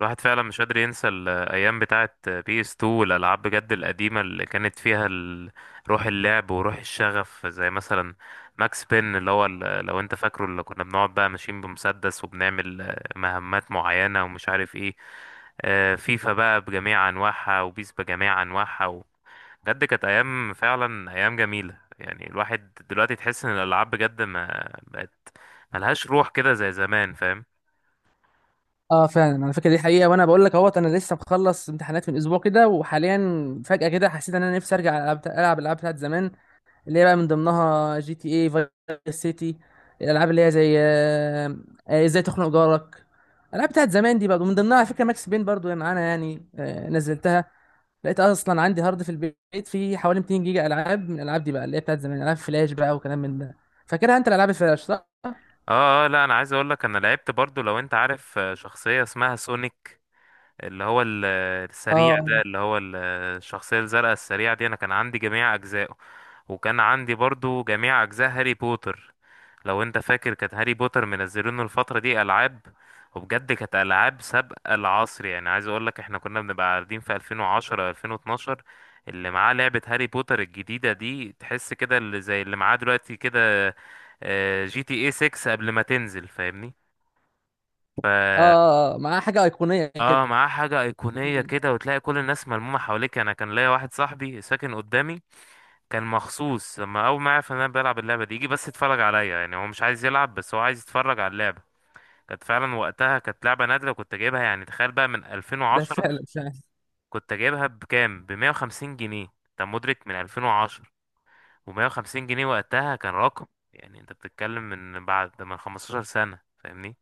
الواحد فعلا مش قادر ينسى الايام بتاعه بي اس 2 والالعاب بجد القديمه اللي كانت فيها روح اللعب وروح الشغف زي مثلا ماكس بين، لو انت فاكره اللي كنا بنقعد بقى ماشيين بمسدس وبنعمل مهمات معينه ومش عارف ايه. فيفا بقى بجميع انواعها وبيس بجميع انواعها. بجد كانت ايام، فعلا ايام جميله يعني، الواحد دلوقتي تحس ان الالعاب بجد ما بقت ملهاش روح كده زي زمان، فاهم؟ اه فعلا، انا فاكر دي حقيقه. وانا بقول لك اهوت، انا لسه مخلص امتحانات من اسبوع كده، وحاليا فجاه كده حسيت ان انا نفسي ارجع العب الالعاب بتاعت زمان، اللي هي بقى من ضمنها جي تي اي فايس سيتي. الالعاب اللي هي زي ازاي تخنق جارك. الالعاب بتاعت زمان دي برضه، من ضمنها على فكره ماكس بين برضه معانا. يعني نزلتها، لقيت اصلا عندي هارد في البيت فيه حوالي 200 جيجا العاب، من الالعاب دي بقى اللي هي بتاعت زمان، العاب فلاش بقى وكلام من ده. فاكرها انت الالعاب الفلاش، صح؟ اه، اه اه، لا، انا عايز اقول لك، انا لعبت برضو، لو انت عارف شخصية اسمها سونيك، اللي هو السريع ده، اه، اللي هو الشخصية الزرقاء السريعة دي، انا كان عندي جميع اجزائه، وكان عندي برضو جميع اجزاء هاري بوتر. لو انت فاكر، كانت هاري بوتر منزلينه الفترة دي العاب، وبجد كانت العاب سابقة العصر. يعني عايز اقول لك، احنا كنا بنبقى قاعدين في 2010، 2012، اللي معاه لعبة هاري بوتر الجديدة دي تحس كده اللي زي اللي معاه دلوقتي كده جي تي اي 6 قبل ما تنزل، فاهمني ف اه، مع حاجه ايقونيه اه، كده. معاه حاجة أيقونية كده، وتلاقي كل الناس ملمومة حواليك. أنا كان ليا واحد صاحبي ساكن قدامي، كان مخصوص لما اول ما عرف ان انا بلعب اللعبه دي يجي بس يتفرج عليا. يعني هو مش عايز يلعب، بس هو عايز يتفرج على اللعبه. كانت فعلا وقتها، كانت لعبه نادره كنت جايبها، يعني تخيل بقى من ده 2010. فعلا، فعلا. كنت جايبها بكام؟ ب 150 جنيه، انت مدرك؟ من 2010، و150 جنيه وقتها كان رقم. يعني انت بتتكلم من بعد، من 15 سنه، فاهمني؟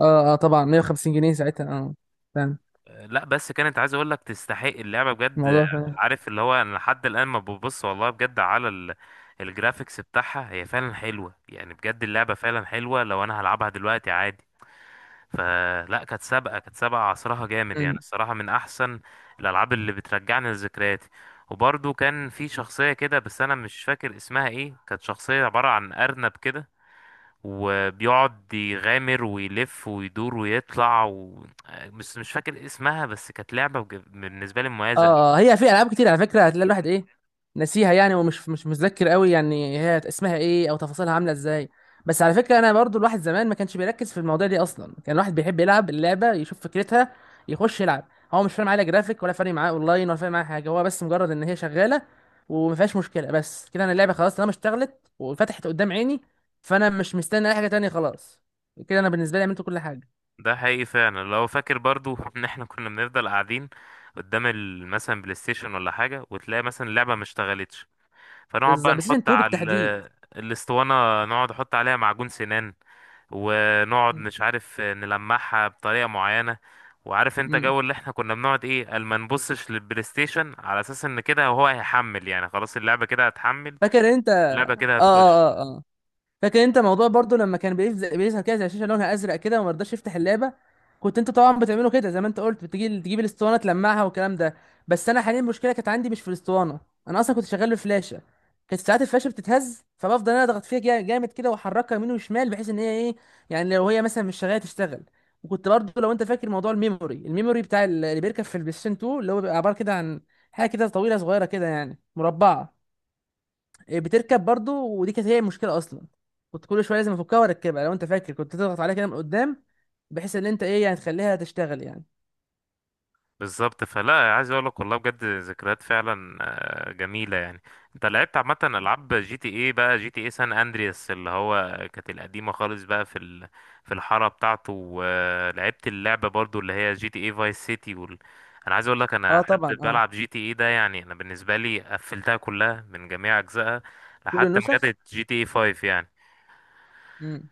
اه اه طبعا، 150 جنيه ساعتها، اه فعلا. لا بس، كانت، عايز اقول لك، تستحق اللعبه بجد. الموضوع فعلا عارف اللي هو انا لحد الان ما ببص والله بجد على الجرافيكس بتاعها هي فعلا حلوه يعني، بجد اللعبه فعلا حلوه، لو انا هلعبها دلوقتي عادي. فلا، كانت سابقه عصرها، جامد يعني، الصراحه من احسن الالعاب اللي بترجعني لذكرياتي. وبرضه كان في شخصيه كده، بس انا مش فاكر اسمها ايه، كانت شخصيه عباره عن ارنب كده، وبيقعد يغامر ويلف ويدور ويطلع. بس مش فاكر اسمها، بس كانت لعبة بالنسبة لي مميزة أوي. اه. هي في العاب كتير على فكره، هتلاقي الواحد ايه، ناسيها يعني، ومش مش متذكر قوي يعني هي اسمها ايه او تفاصيلها عامله ازاي. بس على فكره، انا برضو الواحد زمان ما كانش بيركز في المواضيع دي اصلا. كان الواحد بيحب يلعب اللعبه يشوف فكرتها، يخش يلعب. هو مش فارق معاه لا جرافيك، ولا فارق معاه اونلاين، ولا فارق معاه حاجه. هو بس مجرد ان هي شغاله وما فيهاش مشكله، بس كده. انا اللعبه خلاص طالما اشتغلت وفتحت قدام عيني، فانا مش مستني اي حاجه تانية. خلاص كده انا بالنسبه لي عملت كل حاجه. ده حقيقي فعلا، لو فاكر برضو ان احنا كنا بنفضل قاعدين قدام مثلا بلاي ستيشن ولا حاجة، وتلاقي مثلا اللعبة ما اشتغلتش، فنقعد بقى بالظبط، بس نحط 2 على بالتحديد. الاسطوانة، نقعد نحط عليها معجون سنان، ونقعد م- مش عارف نلمعها بطريقة معينة. وعارف انت م. جو اللي احنا كنا بنقعد ايه، قال ما نبصش للبلاي ستيشن على اساس ان كده هو هيحمل، يعني خلاص اللعبة كده هتحمل، فاكر انت؟ اللعبة اه كده اه هتخش. اه اه فاكر انت موضوع برضو لما كان بيظهر كده زي شاشه لونها ازرق كده وما رضاش يفتح اللعبه؟ كنت انت طبعا بتعمله كده زي ما انت قلت، بتجي تجيب الاسطوانه تلمعها والكلام ده. بس انا حاليا المشكله كانت عندي مش في الاسطوانه، انا اصلا كنت شغال بفلاشه. كانت ساعات الفلاشه بتتهز، فبفضل انا اضغط فيها جامد كده واحركها يمين وشمال، بحيث ان هي ايه، يعني لو هي مثلا مش شغاله تشتغل. وكنت برضو لو انت فاكر موضوع الميموري، الميموري بتاع اللي بيركب في البلايستيشن 2، اللي هو بيبقى عباره كده عن حاجه كده طويله صغيره كده يعني مربعه. بتركب برضو، ودي كانت هي المشكله اصلا. كنت كل شويه لازم افكها واركبها. لو انت فاكر، كنت تضغط عليها كده من قدام بحيث ان انت ايه يعني، تخليها تشتغل يعني. بالظبط. فلا، عايز اقول لك، والله بجد ذكريات فعلا جميله يعني. انت لعبت عامه العاب جي تي اي بقى، جي تي اي سان اندرياس اللي هو كانت القديمه خالص بقى في في الحاره بتاعته، ولعبت اللعبه برضو اللي هي جي تي اي فايس سيتي. انا عايز اقول لك، انا اه طبعا، حد اه. بلعب جي تي اي ده يعني، انا بالنسبه لي قفلتها كلها من جميع اجزائها كل لحد ما النسخ. جت جي تي اي 5 يعني. مم.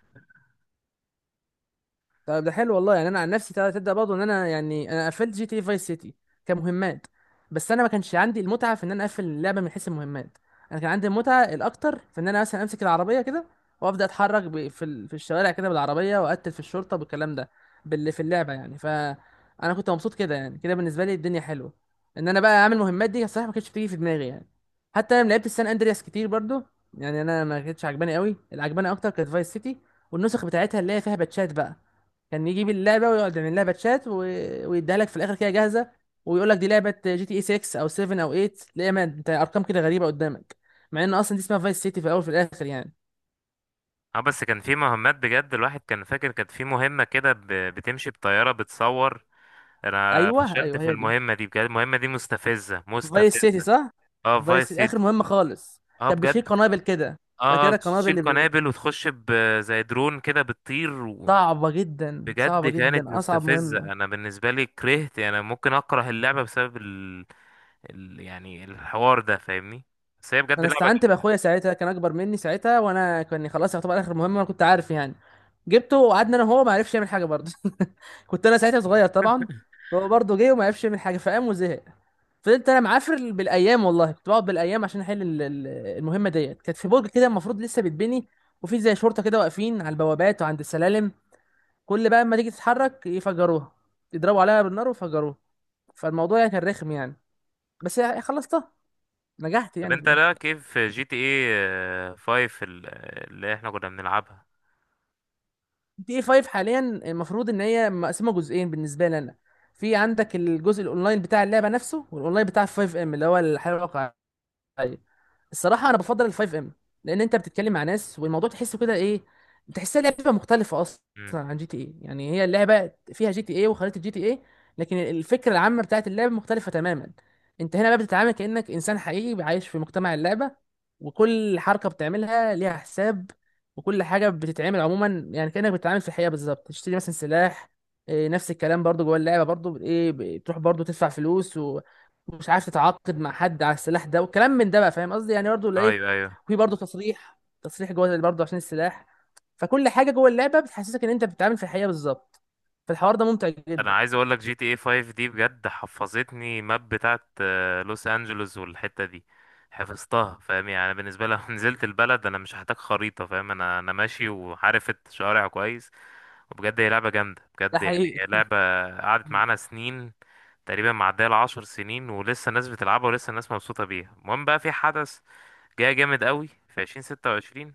طب ده حلو والله. يعني انا عن نفسي، تبدأ برضه ان انا، يعني انا قفلت جي تي إيه فايس سيتي كمهمات، بس انا ما كانش عندي المتعه في ان انا اقفل اللعبه من حيث المهمات. انا كان عندي المتعه الاكتر في ان انا مثلا امسك العربيه كده، وابدا اتحرك في الشوارع كده بالعربيه، واقتل في الشرطه بالكلام ده، باللي في اللعبه يعني. فانا كنت مبسوط كده يعني، كده بالنسبه لي الدنيا حلوه. ان انا بقى اعمل مهمات دي، الصراحه ما كانتش بتيجي في دماغي يعني. حتى انا لعبت السان اندرياس كتير برضه، يعني انا ما كانتش عجباني قوي. اللي عجباني اكتر كانت فايس سيتي، والنسخ بتاعتها اللي هي فيها باتشات بقى. كان يجيب اللعبه ويقعد يعمل لها باتشات ويديها لك في الاخر كده جاهزه، ويقول لك دي لعبه جي تي اي 6 او 7 او 8. تلاقي ما انت ارقام كده غريبه قدامك، مع ان اصلا دي اسمها فايس سيتي في الاول وفي الاخر يعني. اه بس كان في مهمات بجد، الواحد كان فاكر كانت في مهمه كده بتمشي بطياره بتصور، انا ايوه فشلت ايوه في هي دي المهمه دي بجد، المهمه دي مستفزه فايس مستفزه. سيتي، صح. اه، في فايس فايس سيتي اخر سيتي. مهمه خالص اه كان بيشيل بجد. قنابل كده. اه، فاكرها القنابل تشيل قنابل وتخش زي درون كده بتطير. صعبه جدا، بجد صعبه كانت جدا، اصعب مستفزه، مهمه. انا بالنسبه لي كرهت يعني، انا ممكن اكره اللعبه بسبب يعني الحوار ده، فاهمني؟ بس هي بجد انا لعبه استعنت جامدة. باخويا ساعتها، كان اكبر مني ساعتها، وانا كان خلاص يعتبر اخر مهمه، انا كنت عارف يعني. جبته وقعدنا انا وهو، ما عرفش يعمل حاجه برضه. كنت انا ساعتها صغير طبعا. فهو برضه جه وما عرفش يعمل حاجه، فقام وزهق. فضلت انا معافر بالايام، والله كنت بقعد بالايام عشان احل المهمه ديت. كانت في برج كده المفروض لسه بيتبني، وفي زي شرطه كده واقفين على البوابات وعند السلالم. كل بقى اما تيجي تتحرك يفجروها، يضربوا عليها بالنار ويفجروها. فالموضوع يعني كان رخم يعني، بس يعني خلصتها، نجحت طب يعني في انت، الاخر. لا كيف جي تي ايه 5 اللي احنا كنا بنلعبها. دي اي 5 حاليا المفروض ان هي مقسمه جزئين بالنسبه لي انا. في عندك الجزء الاونلاين بتاع اللعبه نفسه، والاونلاين بتاع 5 ام اللي هو الحياه الواقعيه. ايوه. الصراحه انا بفضل الفايف ام، لان انت بتتكلم مع ناس، والموضوع تحسه كده ايه، تحسها لعبه مختلفه اصلا امم. عن جي تي اي. يعني هي اللعبه فيها جي تي اي وخريطه جي تي اي، لكن الفكره العامه بتاعت اللعبه مختلفه تماما. انت هنا بقى بتتعامل كانك انسان حقيقي عايش في مجتمع اللعبه، وكل حركه بتعملها ليها حساب، وكل حاجه بتتعمل عموما. يعني كانك بتتعامل في الحقيقه بالظبط، تشتري مثلا سلاح، نفس الكلام برضو جوه اللعبه برضو ايه، بتروح برضو تدفع فلوس، مش عارف تتعاقد مع حد على السلاح ده وكلام من ده بقى، فاهم قصدي يعني برضه ولا ايه؟ ايوه ايوه، في برضه تصريح جوه اللي برضه عشان السلاح. فكل حاجه جوه اللعبه بتحسسك ان انت بتتعامل في الحقيقه بالظبط، فالحوار ده ممتع انا جدا. عايز اقول لك، جي تي اي 5 دي بجد حفظتني، ماب بتاعت لوس انجلوس، والحتة دي حفظتها، فاهم يعني؟ أنا بالنسبة لي لو نزلت البلد انا مش هحتاج خريطة، فاهم؟ انا ماشي وعارف الشوارع كويس. وبجد هي لعبة جامدة ده بجد، يعني حقيقي. هي لعبة قعدت معانا سنين، تقريبا معدية العشر سنين، ولسه الناس بتلعبها ولسه الناس مبسوطة بيها. المهم بقى، في حدث جاي جامد قوي في 2026،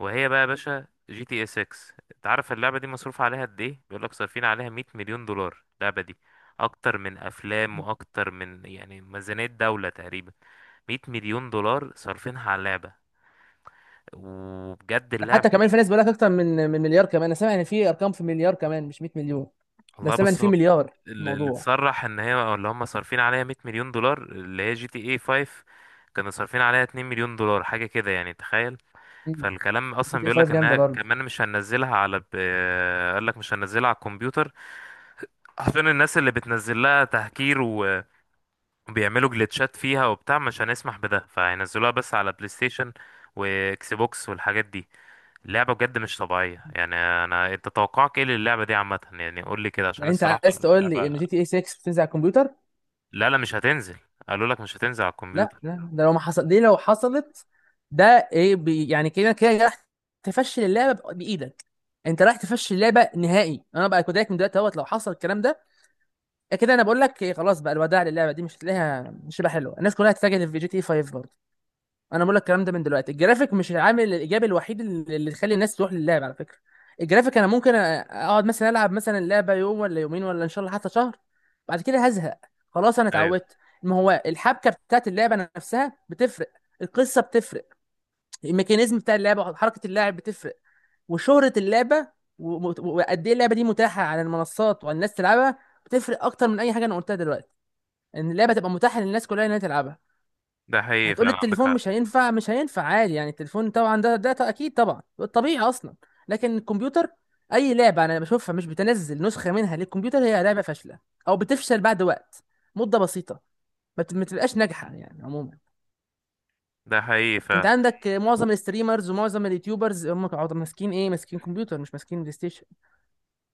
وهي بقى يا باشا جي تي اس 6. انت عارف اللعبه دي مصروف عليها قد ايه؟ بيقول لك صارفين عليها 100 مليون دولار اللعبه دي، اكتر من افلام واكتر من يعني ميزانيه دوله تقريبا. 100 مليون دولار صارفينها على اللعبه، وبجد ده اللعبه حتى كمان في دي. ناس بيقول لك اكتر من مليار كمان. انا سامع ان في ارقام في مليار كمان، مش 100 مليون. ده والله سامع ان بص في هو، مليار في اللي الموضوع. تصرح ان هي، أو اللي هم، صارفين عليها 100 مليون دولار، اللي هي جي تي اي 5 كانوا صارفين عليها 2 مليون دولار حاجه كده، يعني تخيل. فالكلام جي اصلا تي اي بيقول لك 5 جامده انها برضه. كمان مش هننزلها على. قال لك مش هننزلها على الكمبيوتر، حرفيا الناس اللي بتنزل لها تهكير وبيعملوا جلitchات فيها وبتاع، مش هنسمح بده، فهينزلوها بس على بلاي ستيشن واكس بوكس والحاجات دي. اللعبة بجد مش طبيعية يعني. انا، انت توقعك ايه للعبة دي عامة يعني؟ قول لي كده عشان يعني انت الصراحة عايز تقول لي ان اللعبة جي تي اي 6 بتنزل على الكمبيوتر؟ لا لا مش هتنزل، قالوا لك مش هتنزل على لا الكمبيوتر. لا، ده لو ما حصل، دي لو حصلت ده ايه بي يعني، كده كده راح تفشل اللعبه بايدك. انت رايح تفشل اللعبه نهائي، انا بقى كوداك من دلوقتي اهوت لو حصل الكلام ده. كده انا بقول لك إيه، خلاص بقى الوداع للعبه دي، مش هتلاقيها، مش هتبقى حلوه. الناس كلها هتتجه في جي تي 5 برضه. انا بقول لك الكلام ده من دلوقتي. الجرافيك مش العامل الايجابي الوحيد اللي يخلي الناس تروح للعب، على فكره. الجرافيك انا ممكن اقعد مثلا العب مثلا اللعبه يوم ولا يومين، ولا ان شاء الله حتى شهر، بعد كده هزهق، خلاص انا ايوه، اتعودت. ما هو الحبكه بتاعت اللعبه نفسها بتفرق، القصه بتفرق، الميكانيزم بتاع اللعبه حركه اللاعب بتفرق، وشهره اللعبه، وقد ايه اللعبه دي متاحه على المنصات والناس تلعبها، بتفرق اكتر من اي حاجه انا قلتها دلوقتي. ان اللعبه تبقى متاحه للناس كلها انها تلعبها. ده حقيقي فعلا، هتقولي عندك التليفون؟ حق. مش هينفع، مش هينفع عادي يعني. التليفون طبعا ده، ده اكيد طبعا، طبيعي اصلا. لكن الكمبيوتر، اي لعبه انا بشوفها مش بتنزل نسخه منها للكمبيوتر، هي لعبه فاشله، او بتفشل بعد وقت، مده بسيطه. ما بتبقاش ناجحه يعني عموما. ده حقيقي انت فعلا. عندك معظم الستريمرز ومعظم اليوتيوبرز، هم قاعدين ماسكين ايه، ماسكين كمبيوتر مش ماسكين بلاي ستيشن.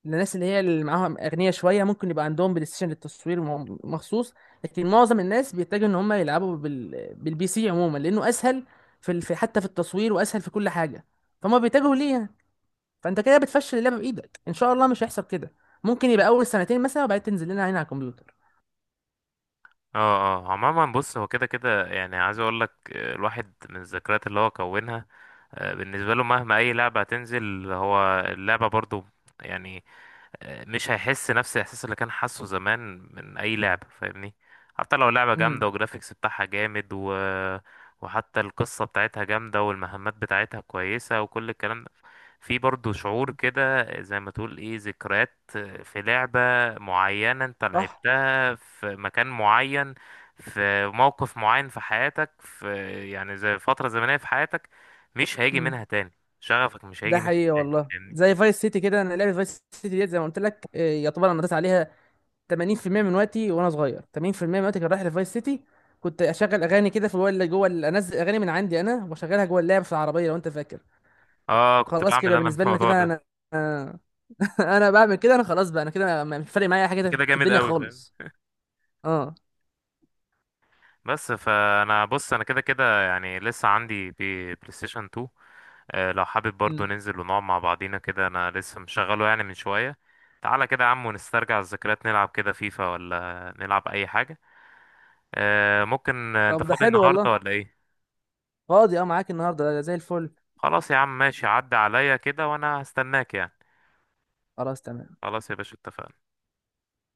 الناس اللي هي اللي معاهم اغنياء شويه ممكن يبقى عندهم بلاي ستيشن للتصوير مخصوص. لكن معظم الناس بيتجهوا ان هم يلعبوا بالبي سي عموما، لانه اسهل في حتى في التصوير، واسهل في كل حاجه، فهم بيتجهوا ليه يعني. فانت كده بتفشل اللعبه بايدك. ان شاء الله مش هيحصل كده، ممكن يبقى اول سنتين مثلا، وبعدين تنزل لنا عين على الكمبيوتر. اه اه، عموما بص، هو كده كده يعني، عايز اقول لك الواحد من الذكريات اللي هو كونها بالنسبه له، مهما اي لعبه هتنزل، هو اللعبه برضو يعني مش هيحس نفس الاحساس اللي كان حاسه زمان من اي لعبه، فاهمني؟ حتى لو لعبه امم. جامده وجرافيكس بتاعها جامد، وحتى القصه بتاعتها جامده، والمهمات بتاعتها كويسه، وكل الكلام ده، في برضو شعور كده، زي ما تقول ايه، ذكريات في لعبه معينه انت صح. لعبتها في مكان معين، في موقف معين في حياتك، يعني زي فتره زمنيه في حياتك مش هيجي امم. منها تاني، شغفك مش ده هيجي منها حقيقي تاني، والله، فاهمني؟ زي فايس سيتي كده. انا لعبه فايس سيتي ديت زي ما قلت لك يعتبر انا نطيت عليها 80% من وقتي وانا صغير، 80% من وقتي كان رايح لفايس سيتي. كنت اشغل اغاني كده في اللي جوه انزل اغاني من عندي انا واشغلها جوه اللعب في العربيه، لو انت فاكر. اه، كنت خلاص بعمل كده انا بالنسبه لي، انا الموضوع كده ده. انا آه. انا بعمل كده، انا خلاص بقى. انا كده مش فارق معايا حاجه كده كده في جامد الدنيا قوي، فاهم؟ خالص. اه. بس، فانا بص، انا كده كده يعني، لسه عندي بلاي ستيشن 2. لو حابب برضو مم. ننزل ونقعد مع بعضينا كده، انا لسه مشغله يعني من شوية. تعالى كده يا عم ونسترجع الذكريات، نلعب كده فيفا ولا نلعب اي حاجة. ممكن، انت طب ده فاضي حلو النهاردة والله. ولا ايه؟ فاضي، اه، معاك النهارده زي الفل. خلاص يا عم، ماشي، عدى عليا كده وانا هستناك يعني. خلاص، تمام. خلاص يا باشا، اتفقنا.